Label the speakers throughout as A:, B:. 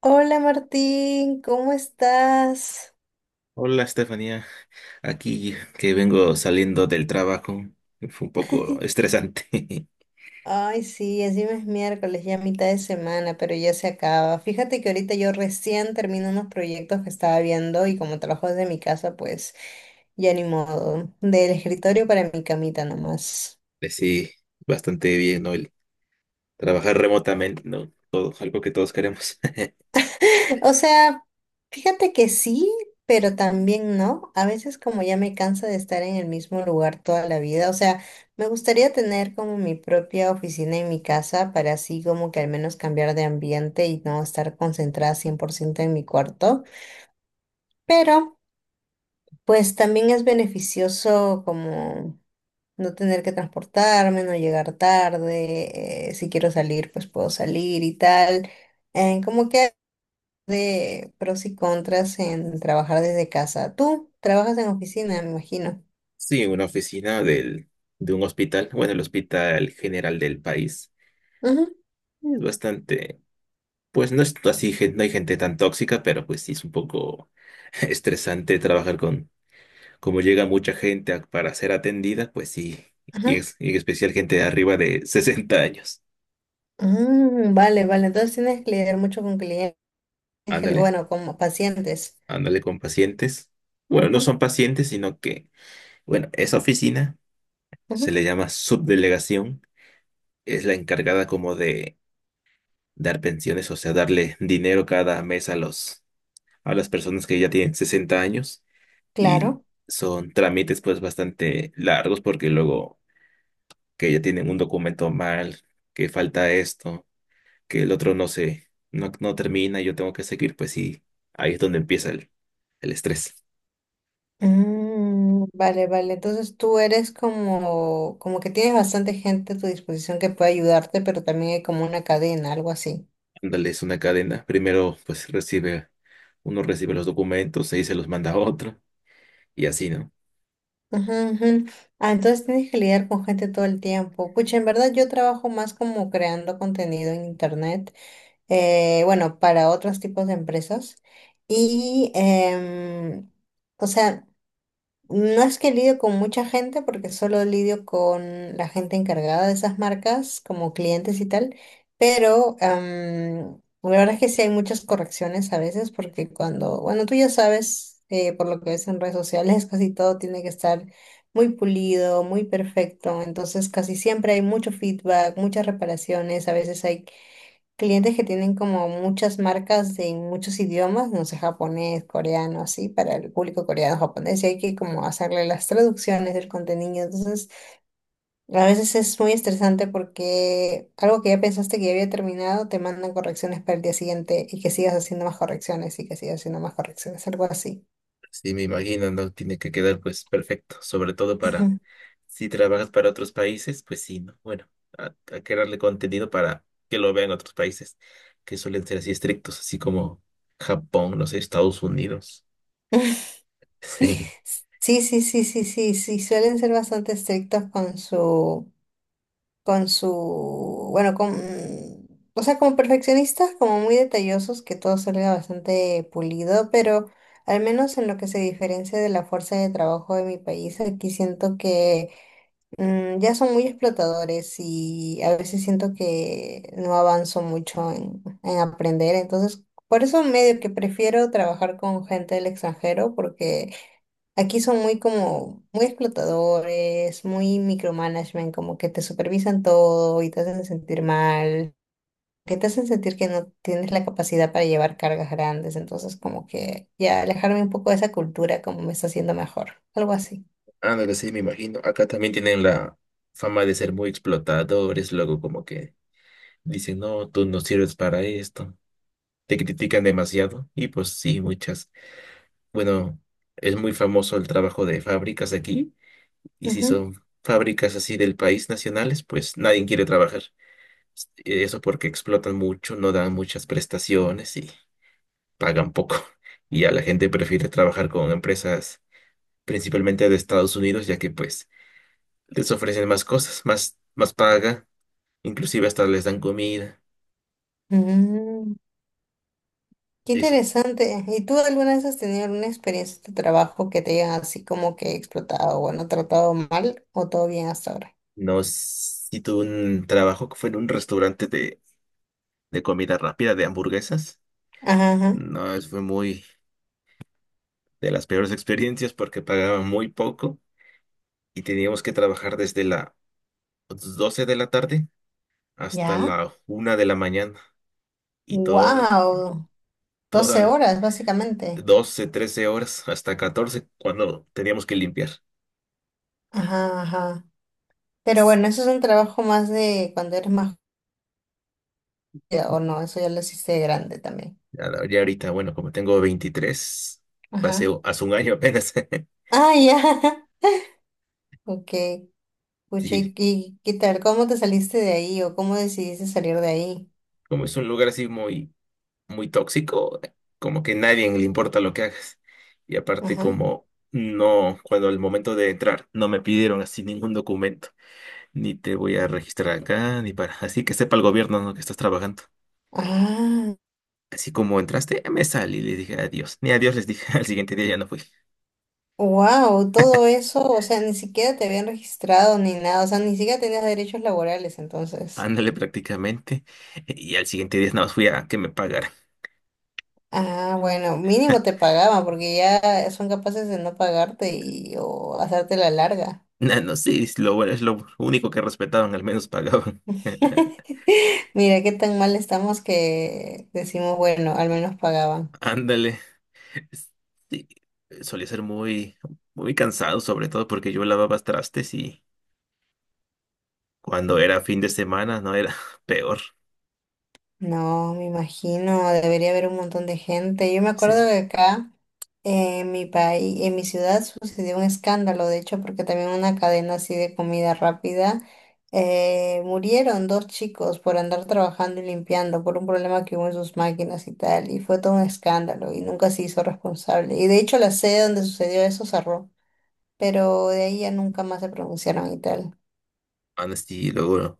A: Hola Martín, ¿cómo estás?
B: Hola, Estefanía. Aquí que vengo saliendo del trabajo. Fue un poco estresante.
A: Ay, sí, encima es miércoles, ya mitad de semana, pero ya se acaba. Fíjate que ahorita yo recién termino unos proyectos que estaba viendo y como trabajo desde mi casa, pues ya ni modo. Del escritorio para mi camita nomás.
B: Pues sí, bastante bien, ¿no? El trabajar remotamente, ¿no? Todo, algo que todos queremos.
A: O sea, fíjate que sí, pero también no. A veces como ya me cansa de estar en el mismo lugar toda la vida. O sea, me gustaría tener como mi propia oficina en mi casa para así como que al menos cambiar de ambiente y no estar concentrada 100% en mi cuarto. Pero pues también es beneficioso como no tener que transportarme, no llegar tarde. Si quiero salir, pues puedo salir y tal. Como que de pros y contras en trabajar desde casa. Tú trabajas en oficina, me imagino.
B: Sí, una oficina de un hospital, bueno, el hospital general del país.
A: Ujú,
B: Es bastante, pues no es así, no hay gente tan tóxica, pero pues sí es un poco estresante trabajar como llega mucha gente para ser atendida, pues sí,
A: ajá.
B: y en especial gente de arriba de 60 años.
A: Mm, vale, vale. Entonces tienes que lidiar mucho con clientes,
B: Ándale,
A: bueno, como pacientes.
B: ándale con pacientes. Bueno, no
A: Ujú,
B: son pacientes, sino que, bueno, esa oficina se
A: ujú,
B: le llama subdelegación. Es la encargada como de dar pensiones, o sea, darle dinero cada mes a a las personas que ya tienen 60 años. Y
A: claro.
B: son trámites pues bastante largos porque luego que ya tienen un documento mal, que falta esto, que el otro no se, no termina, yo tengo que seguir, pues sí, ahí es donde empieza el estrés.
A: Mm, vale, vale. Entonces tú eres como, como que tienes bastante gente a tu disposición que puede ayudarte, pero también hay como una cadena, algo así.
B: Ándale, es una cadena. Primero, pues uno recibe los documentos, ahí se los manda a otro, y así, ¿no?
A: Ujú, ujú. Ah, entonces tienes que lidiar con gente todo el tiempo. Pucha, en verdad yo trabajo más como creando contenido en internet. Bueno, para otros tipos de empresas. Y, em, o sea, no es que lidio con mucha gente, porque solo lidio con la gente encargada de esas marcas, como clientes y tal, pero la verdad es que sí hay muchas correcciones a veces, porque cuando, bueno, tú ya sabes, por lo que ves en redes sociales, casi todo tiene que estar muy pulido, muy perfecto, entonces casi siempre hay mucho feedback, muchas reparaciones, a veces hay clientes que tienen como muchas marcas de muchos idiomas, no sé, japonés, coreano, así, para el público coreano, japonés, y hay que como hacerle las traducciones del contenido. Entonces, a veces es muy estresante porque algo que ya pensaste que ya había terminado, te mandan correcciones para el día siguiente y que sigas haciendo más correcciones y que sigas haciendo más correcciones, algo así.
B: Sí, me imagino, ¿no? Tiene que quedar, pues, perfecto. Sobre todo para,
A: Ujú.
B: si trabajas para otros países, pues sí, ¿no? Bueno, hay que darle contenido para que lo vean otros países, que suelen ser así estrictos, así como Japón, no sé, Estados Unidos. Sí.
A: Sí, sí, sí, sí, sí, sí, suelen ser bastante estrictos con su con su, bueno, o sea, como perfeccionistas, como muy detallosos, que todo salga bastante pulido, pero al menos en lo que se diferencia de la fuerza de trabajo de mi país, aquí siento que ya son muy explotadores y a veces siento que no avanzo mucho en aprender, entonces... Por eso medio que prefiero trabajar con gente del extranjero porque aquí son muy como, muy explotadores, muy micromanagement, como que te supervisan todo y te hacen sentir mal, que te hacen sentir que no tienes la capacidad para llevar cargas grandes, entonces como que ya alejarme un poco de esa cultura como me está haciendo mejor, algo así.
B: Ándale, sí, me imagino. Acá también tienen la fama de ser muy explotadores, luego como que dicen, no, tú no sirves para esto. Te critican demasiado. Y pues sí, muchas. Bueno, es muy famoso el trabajo de fábricas aquí. Y si
A: Ujú.
B: son fábricas así del país nacionales, pues nadie quiere trabajar. Eso porque explotan mucho, no dan muchas prestaciones y pagan poco. Y ya la gente prefiere trabajar con empresas principalmente de Estados Unidos, ya que pues les ofrecen más cosas, más paga, inclusive hasta les dan comida.
A: Mm, qué
B: Eso.
A: interesante. ¿Y tú alguna vez has tenido alguna experiencia de trabajo que te hayan así como que explotado o no tratado mal o todo bien hasta ahora?
B: No, si tuve un trabajo que fue en un restaurante de comida rápida, de hamburguesas.
A: Ajá. Ajá.
B: No, fue muy de las peores experiencias porque pagaban muy poco y teníamos que trabajar desde las 12 de la tarde hasta
A: ¿Ya?
B: la 1 de la mañana y toda,
A: Wow.
B: toda,
A: 12 horas, básicamente.
B: 12 13 horas hasta 14 cuando teníamos que limpiar.
A: Ajá, ajá. Pero bueno, eso es un trabajo más de cuando eres más joven, o no, eso ya lo hiciste de grande también.
B: Ya, ahorita, bueno, como tengo 23
A: Ajá.
B: paseo hace un año apenas.
A: Ah, ya. Ok. Pucha,
B: Sí,
A: ¿y qué tal? ¿Cómo te saliste de ahí o cómo decidiste salir de ahí?
B: como es un lugar así muy muy tóxico, como que nadie le importa lo que hagas. Y aparte
A: Ajá.
B: como no, cuando al momento de entrar no me pidieron así ningún documento, ni te voy a registrar acá, ni para, así que sepa el gobierno, ¿no? que estás trabajando.
A: Ah,
B: Así como entraste, me salí y le dije adiós. Ni adiós les dije, al siguiente día ya no fui.
A: wow, todo eso, o sea, ni siquiera te habían registrado ni nada, o sea, ni siquiera tenías derechos laborales entonces.
B: Ándale prácticamente. Y al siguiente día nada más fui a que me pagaran.
A: Ah, bueno, mínimo te pagaban porque ya son capaces de no pagarte y o hacerte la larga.
B: No, no, sí, es lo bueno, es lo único que respetaban, al menos pagaban.
A: Mira qué tan mal estamos que decimos, bueno, al menos pagaban.
B: Ándale. Sí, solía ser muy, muy cansado, sobre todo porque yo lavaba trastes y cuando era fin de semana no era peor.
A: No, me imagino, debería haber un montón de gente. Yo me
B: Sí,
A: acuerdo que acá en mi país, en mi ciudad sucedió un escándalo, de hecho, porque también una cadena así de comida rápida, murieron dos chicos por andar trabajando y limpiando por un problema que hubo en sus máquinas y tal, y fue todo un escándalo y nunca se hizo responsable. Y de hecho la sede donde sucedió eso cerró, pero de ahí ya nunca más se pronunciaron y tal.
B: antes y luego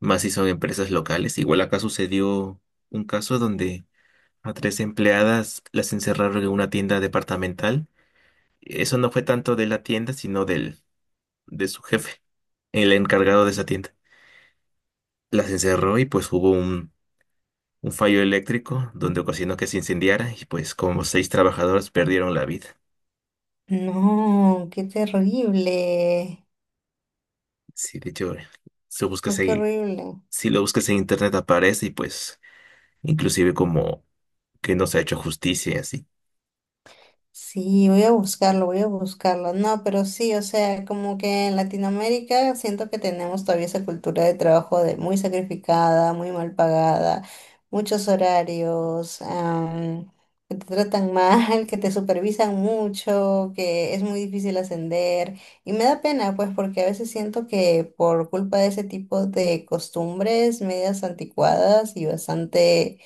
B: más si son empresas locales. Igual acá sucedió un caso donde a tres empleadas las encerraron en una tienda departamental. Eso no fue tanto de la tienda, sino de su jefe, el encargado de esa tienda. Las encerró y pues hubo un fallo eléctrico donde ocasionó que se incendiara y pues como seis trabajadoras perdieron la vida.
A: No, qué terrible.
B: Sí, de hecho, si lo buscas
A: No, qué
B: ahí,
A: horrible.
B: si lo buscas en internet aparece y pues inclusive como que no se ha hecho justicia y así.
A: Sí, voy a buscarlo, voy a buscarlo. No, pero sí, o sea, como que en Latinoamérica siento que tenemos todavía esa cultura de trabajo de muy sacrificada, muy mal pagada, muchos horarios, que te tratan mal, que te supervisan mucho, que es muy difícil ascender. Y me da pena, pues, porque a veces siento que por culpa de ese tipo de costumbres medias anticuadas y bastante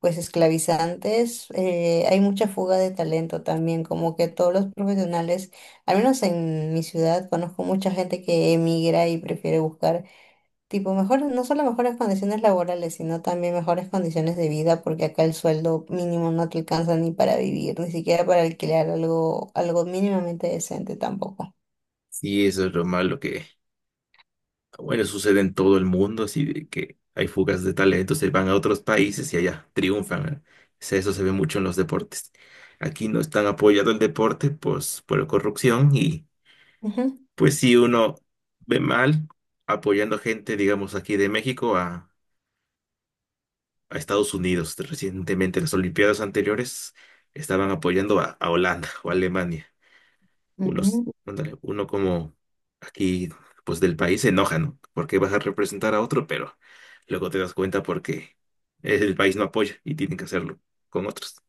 A: pues esclavizantes, hay mucha fuga de talento también, como que todos los profesionales, al menos en mi ciudad, conozco mucha gente que emigra y prefiere buscar tipo mejores, no solo mejores condiciones laborales, sino también mejores condiciones de vida, porque acá el sueldo mínimo no te alcanza ni para vivir, ni siquiera para alquilar algo, algo mínimamente decente tampoco.
B: Sí, eso es lo malo que, bueno, sucede en todo el mundo, así de que hay fugas de talentos, se van a otros países y allá triunfan. ¿Eh? Eso se ve mucho en los deportes. Aquí no están apoyado el deporte, pues, por la corrupción y,
A: Ujú.
B: pues, si uno ve mal apoyando gente, digamos, aquí de México a Estados Unidos. Recientemente, las Olimpiadas anteriores estaban apoyando a Holanda o a Alemania. Unos,
A: Ujú.
B: ándale, uno como aquí, pues del país se enoja, ¿no? Porque vas a representar a otro, pero luego te das cuenta porque el país no apoya y tienen que hacerlo con otros.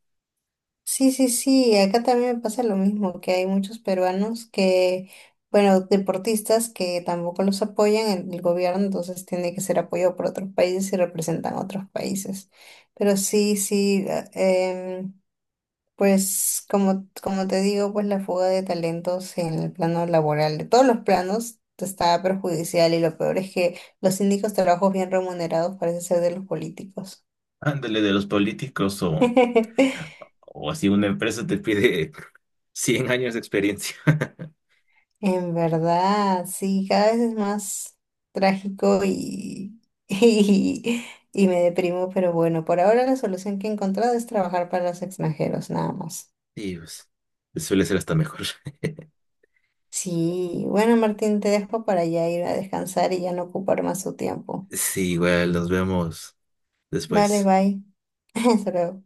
A: Sí, sí, sí, acá también me pasa lo mismo, que hay muchos peruanos que, bueno, deportistas que tampoco los apoyan en el gobierno, entonces tiene que ser apoyado por otros países y representan otros países. Pero sí, sí, pues como, como te digo, pues la fuga de talentos en el plano laboral, de todos los planos, está perjudicial y lo peor es que los únicos trabajos bien remunerados parece ser de los políticos.
B: Ándale de los políticos o, o así una empresa te pide 100 años de experiencia.
A: En verdad, sí, cada vez es más trágico, y, y me deprimo, pero bueno, por ahora la solución que he encontrado es trabajar para los extranjeros, nada más.
B: Y pues suele ser hasta mejor.
A: Sí, bueno, Martín, te dejo para ya ir a descansar y ya no ocupar más tu tiempo.
B: Sí, igual nos vemos
A: Vale,
B: después.
A: bye. Hasta luego.